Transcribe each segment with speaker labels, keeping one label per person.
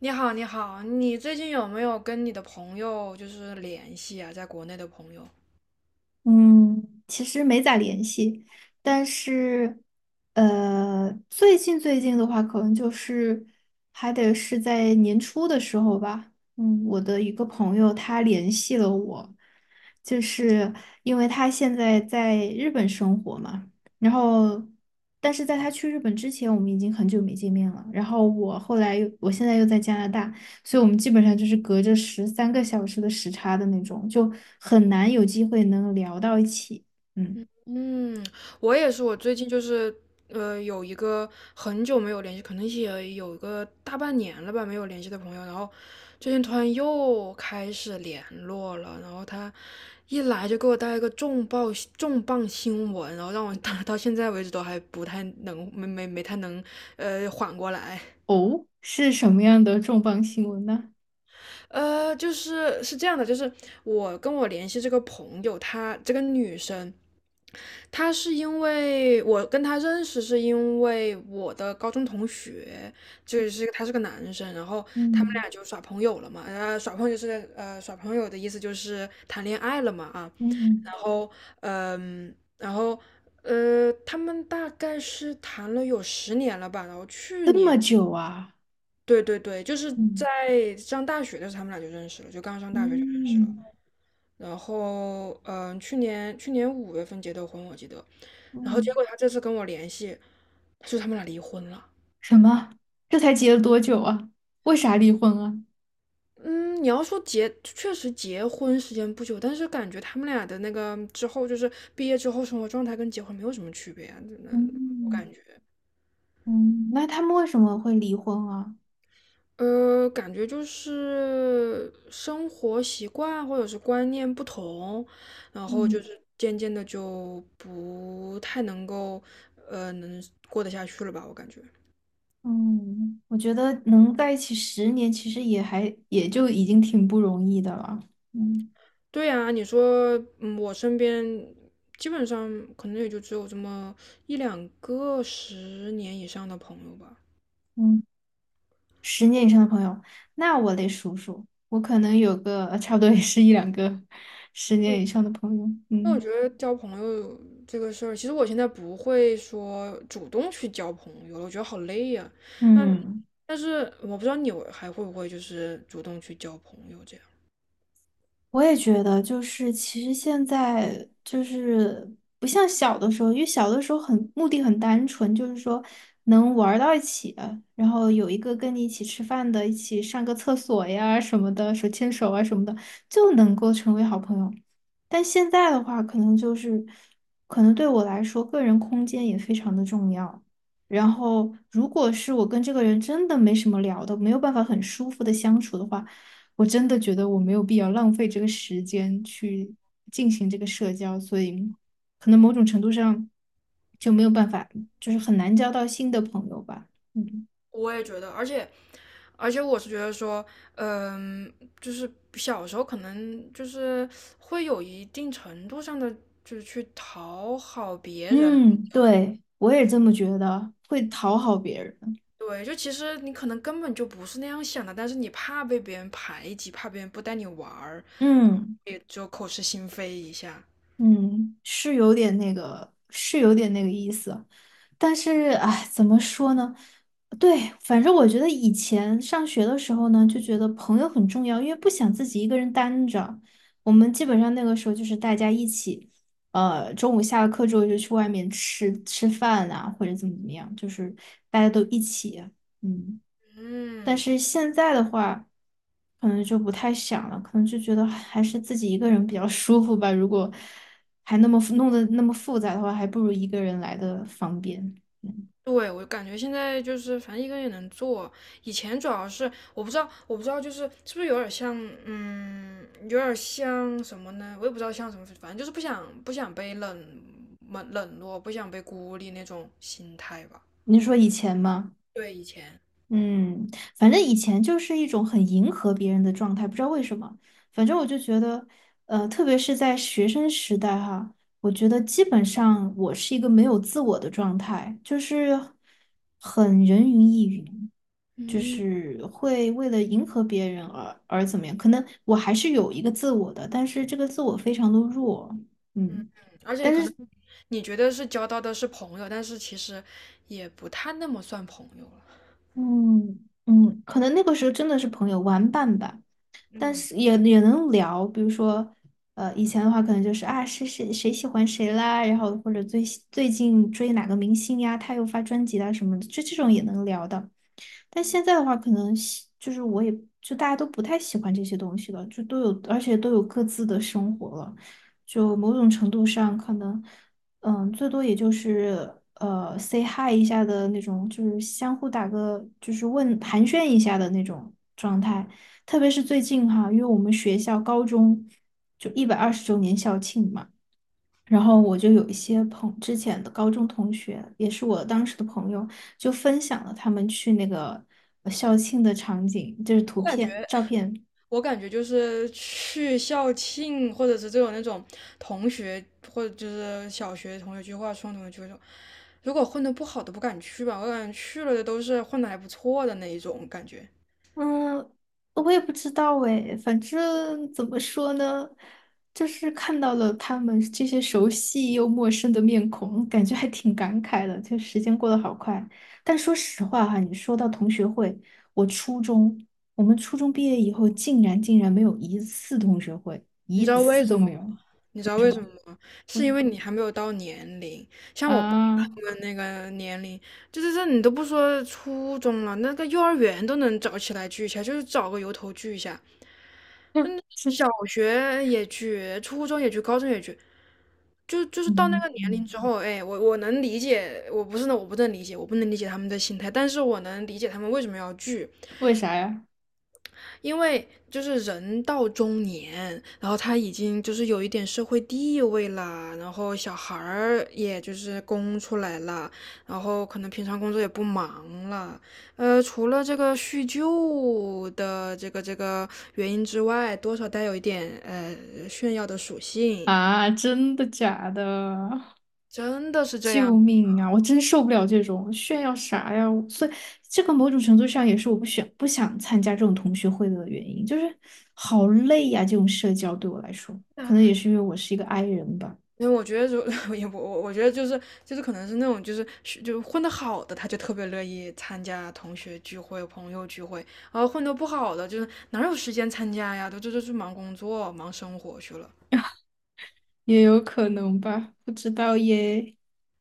Speaker 1: 你好，你好，你最近有没有跟你的朋友联系啊？在国内的朋友？
Speaker 2: 嗯，其实没咋联系，但是，最近的话，可能就是还得是在年初的时候吧。嗯，我的一个朋友他联系了我，就是因为他现在在日本生活嘛，然后，但是在他去日本之前，我们已经很久没见面了。然后我现在又在加拿大。所以我们基本上就是隔着13个小时的时差的那种，就很难有机会能聊到一起。嗯，
Speaker 1: 嗯，我也是，我最近有一个很久没有联系，可能也有个大半年了吧，没有联系的朋友，然后最近突然又开始联络了，然后他一来就给我带一个重磅新闻，然后让我 到现在为止都还不太能没没没太能呃缓过来。
Speaker 2: 哦，是什么样的重磅新闻呢？
Speaker 1: 就是是这样的，我跟我联系这个朋友，她这个女生，她是因为我跟她认识，是因为我的高中同学，就是他是个男生，然后他们
Speaker 2: 嗯
Speaker 1: 俩就耍朋友了嘛，耍朋友的意思就是谈恋爱了嘛啊。
Speaker 2: 嗯，
Speaker 1: 然后嗯，然后呃，他们大概是谈了有十年了吧，然后去
Speaker 2: 这
Speaker 1: 年。
Speaker 2: 么久啊？
Speaker 1: 对对对，就是
Speaker 2: 嗯
Speaker 1: 在上大学的时候，他们俩就认识了，就刚上大学就认识了。
Speaker 2: 嗯
Speaker 1: 然后，嗯，去年五月份结的婚，我记得。然后结
Speaker 2: 嗯，
Speaker 1: 果他这次跟我联系，他说他们俩离婚了。
Speaker 2: 什么？这才结了多久啊？为啥离婚啊？
Speaker 1: 嗯，你要说结，确实结婚时间不久，但是感觉他们俩的那个之后，就是毕业之后生活状态跟结婚没有什么区别啊，真的，我感
Speaker 2: 嗯
Speaker 1: 觉。
Speaker 2: 嗯，那他们为什么会离婚啊？
Speaker 1: 呃，感觉就是生活习惯或者是观念不同，然后就
Speaker 2: 嗯
Speaker 1: 是渐渐的就不太能够，呃，能过得下去了吧？我感觉。
Speaker 2: 嗯，我觉得能在一起十年，其实也还也就已经挺不容易的了。嗯。
Speaker 1: 对呀，你说，嗯，我身边基本上可能也就只有这么一两个十年以上的朋友吧。
Speaker 2: 嗯。十年以上的朋友，那我得数数，我可能有个差不多也是一两个十年以上的朋友。
Speaker 1: 那我觉
Speaker 2: 嗯
Speaker 1: 得交朋友这个事儿，其实我现在不会说主动去交朋友了，我觉得好累呀、那。
Speaker 2: 嗯。
Speaker 1: 但是我不知道你还会不会就是主动去交朋友这样。
Speaker 2: 我也觉得，就是其实现在就是不像小的时候，因为小的时候很目的很单纯，就是说能玩儿到一起，然后有一个跟你一起吃饭的，一起上个厕所呀什么的，手牵手啊什么的，就能够成为好朋友。但现在的话，可能就是可能对我来说，个人空间也非常的重要。然后，如果是我跟这个人真的没什么聊的，没有办法很舒服的相处的话。我真的觉得我没有必要浪费这个时间去进行这个社交，所以可能某种程度上就没有办法，就是很难交到新的朋友吧。嗯
Speaker 1: 我也觉得，而且我是觉得说，嗯，就是小时候可能就是会有一定程度上的，就是去讨好别人。
Speaker 2: 嗯，对，我也这么觉得。会讨好别人。
Speaker 1: 对，就其实你可能根本就不是那样想的，但是你怕被别人排挤，怕别人不带你玩儿，
Speaker 2: 嗯。
Speaker 1: 也就口是心非一下。
Speaker 2: 嗯，是有点那个，是有点那个意思，但是哎，怎么说呢？对，反正我觉得以前上学的时候呢，就觉得朋友很重要，因为不想自己一个人单着。我们基本上那个时候就是大家一起，中午下了课之后就去外面吃吃饭啊，或者怎么怎么样，就是大家都一起啊，嗯。但
Speaker 1: 嗯。
Speaker 2: 是现在的话，可能就不太想了，可能就觉得还是自己一个人比较舒服吧。如果还那么复弄得那么复杂的话，还不如一个人来的方便。嗯，
Speaker 1: 对，我感觉现在就是反正一个人也能做，以前主要是我不知道，就是是不是有点像，嗯，有点像什么呢？我也不知道像什么，反正就是不想被冷落，不想被孤立那种心态吧。
Speaker 2: 您说以前吗？
Speaker 1: 对，以前。
Speaker 2: 嗯，反正以前就是一种很迎合别人的状态，不知道为什么。反正我就觉得，特别是在学生时代哈，我觉得基本上我是一个没有自我的状态，就是很人云亦云。就
Speaker 1: 嗯，
Speaker 2: 是会为了迎合别人而怎么样？可能我还是有一个自我的，但是这个自我非常的弱，嗯，
Speaker 1: 而且你
Speaker 2: 但
Speaker 1: 可能
Speaker 2: 是
Speaker 1: 你觉得是交到的是朋友，但是其实也不太那么算朋友了。
Speaker 2: 嗯嗯，可能那个时候真的是朋友玩伴吧，但
Speaker 1: 嗯，
Speaker 2: 是也能聊，比如说以前的话可能就是啊谁谁谁喜欢谁啦，然后或者最近追哪个明星呀，他又发专辑啦什么的，就这种也能聊的。但现在的话，可能就是我也就大家都不太喜欢这些东西了，就都有，而且都有各自的生活了，就某种程度上可能，嗯，最多也就是say hi 一下的那种，就是相互打个就是问寒暄一下的那种状态。特别是最近哈，因为我们学校高中就120周年校庆嘛。然后我就有一些之前的高中同学，也是我当时的朋友，就分享了他们去那个校庆的场景，就是图
Speaker 1: 我感觉。
Speaker 2: 片、照片，
Speaker 1: 我感觉就是去校庆，或者是这种那种同学，或者就是小学同学聚会、初中同学聚会这种，如果混得不好的不敢去吧，我感觉去了的都是混得还不错的那一种感觉。
Speaker 2: 嗯，我也不知道诶，反正怎么说呢，就是看到了他们这些熟悉又陌生的面孔，感觉还挺感慨的。就时间过得好快，但说实话哈，你说到同学会，我初中，我们初中毕业以后，竟然竟然没有一次同学会，
Speaker 1: 你
Speaker 2: 一
Speaker 1: 知道为
Speaker 2: 次都
Speaker 1: 什么
Speaker 2: 没
Speaker 1: 吗？
Speaker 2: 有。
Speaker 1: 你知道为什么吗？是因
Speaker 2: 嗯
Speaker 1: 为你还没有到年龄，像我爸
Speaker 2: 啊，
Speaker 1: 他们那个年龄，就是这你都不说初中了，那个幼儿园都能找起来聚一下，就是找个由头聚一下。
Speaker 2: 嗯
Speaker 1: 嗯，小学也聚，初中也聚，高中也聚，就是到那个年
Speaker 2: 嗯，
Speaker 1: 龄之后，哎，我能理解，我不是呢，我不能理解，他们的心态，但是我能理解他们为什么要聚，
Speaker 2: 为啥呀？
Speaker 1: 因为就是人到中年，然后他已经就是有一点社会地位啦，然后小孩儿也就是供出来了，然后可能平常工作也不忙了，呃，除了这个叙旧的这个原因之外，多少带有一点炫耀的属性，
Speaker 2: 啊，真的假的？
Speaker 1: 真的是这
Speaker 2: 救
Speaker 1: 样。
Speaker 2: 命啊！我真受不了这种炫耀啥呀！所以这个某种程度上也是我不想参加这种同学会的原因，就是好累呀、这种社交对我来说，可能也是因为我是一个 i 人吧，
Speaker 1: 因为我觉得就 也我我觉得就是可能是那种就混得好的，他就特别乐意参加同学聚会、朋友聚会，然后混得不好的，就是哪有时间参加呀？都这都去忙工作、忙生活去了。
Speaker 2: 也有可能吧，不知道耶。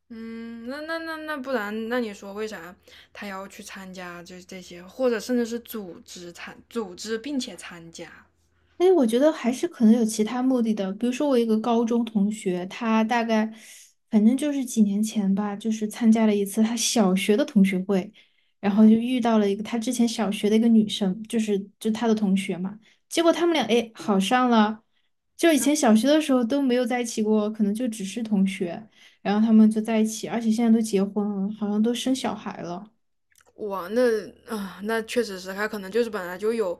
Speaker 1: 嗯，那不然，那你说为啥他要去参加就是这些，或者甚至是组织并且参加？
Speaker 2: 哎，我觉得还是可能有其他目的的。比如说，我一个高中同学，他大概反正就是几年前吧，就是参加了一次他小学的同学会，然后就遇到了一个他之前小学的一个女生，就是就他的同学嘛。结果他们俩哎好上了，就以前小学的时候都没有在一起过，可能就只是同学，然后他们就在一起，而且现在都结婚了，好像都生小孩了。
Speaker 1: 哇，那啊、那确实是，他可能就是本来就有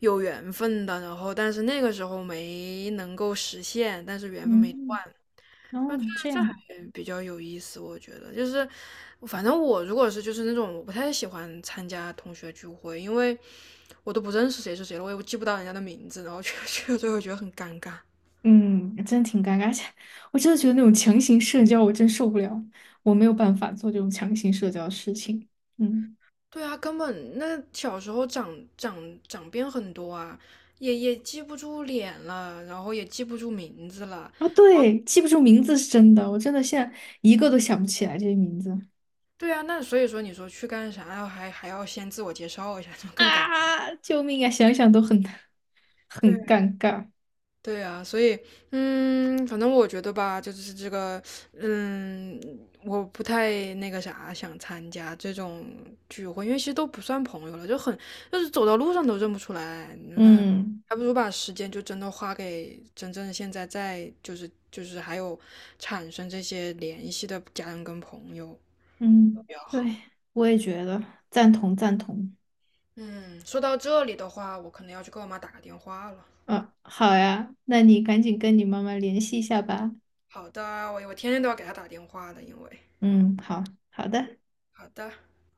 Speaker 1: 有缘分的，然后但是那个时候没能够实现，但是缘分没
Speaker 2: 嗯，
Speaker 1: 断，
Speaker 2: 哦，这
Speaker 1: 这还
Speaker 2: 样。
Speaker 1: 比较有意思，我觉得就是，反正我如果是就是那种我不太喜欢参加同学聚会，因为我都不认识谁是谁了，我也记不到人家的名字，然后 去了之后觉得很尴尬。
Speaker 2: 嗯，真挺尴尬，而且我真的觉得那种强行社交我真受不了，我没有办法做这种强行社交的事情。嗯，
Speaker 1: 对啊，根本那小时候长变很多啊，也记不住脸了，然后也记不住名字了。
Speaker 2: 啊，对，记不住名字是真的，我真的现在一个都想不起来这些名字
Speaker 1: 对啊，那所以说你说去干啥，然后还要先自我介绍一下，就更尴尬。
Speaker 2: 啊！救命啊，想想都很
Speaker 1: 对
Speaker 2: 很
Speaker 1: 呀，
Speaker 2: 尴尬。
Speaker 1: 对啊，所以，嗯，反正我觉得吧，就是这个，嗯，我不太那个啥，想参加这种聚会，因为其实都不算朋友了，就很，就是走到路上都认不出来，那
Speaker 2: 嗯
Speaker 1: 还不如把时间就真的花给真正现在在，就是还有产生这些联系的家人跟朋友
Speaker 2: 嗯，
Speaker 1: 比较好。
Speaker 2: 对，我也觉得赞同赞同。
Speaker 1: 嗯，说到这里的话，我可能要去给我妈打个电话了。
Speaker 2: 啊，好呀，那你赶紧跟你妈妈联系一下吧。
Speaker 1: 好的，我天天都要给她打电话的，因为
Speaker 2: 嗯，好好的。
Speaker 1: 好的。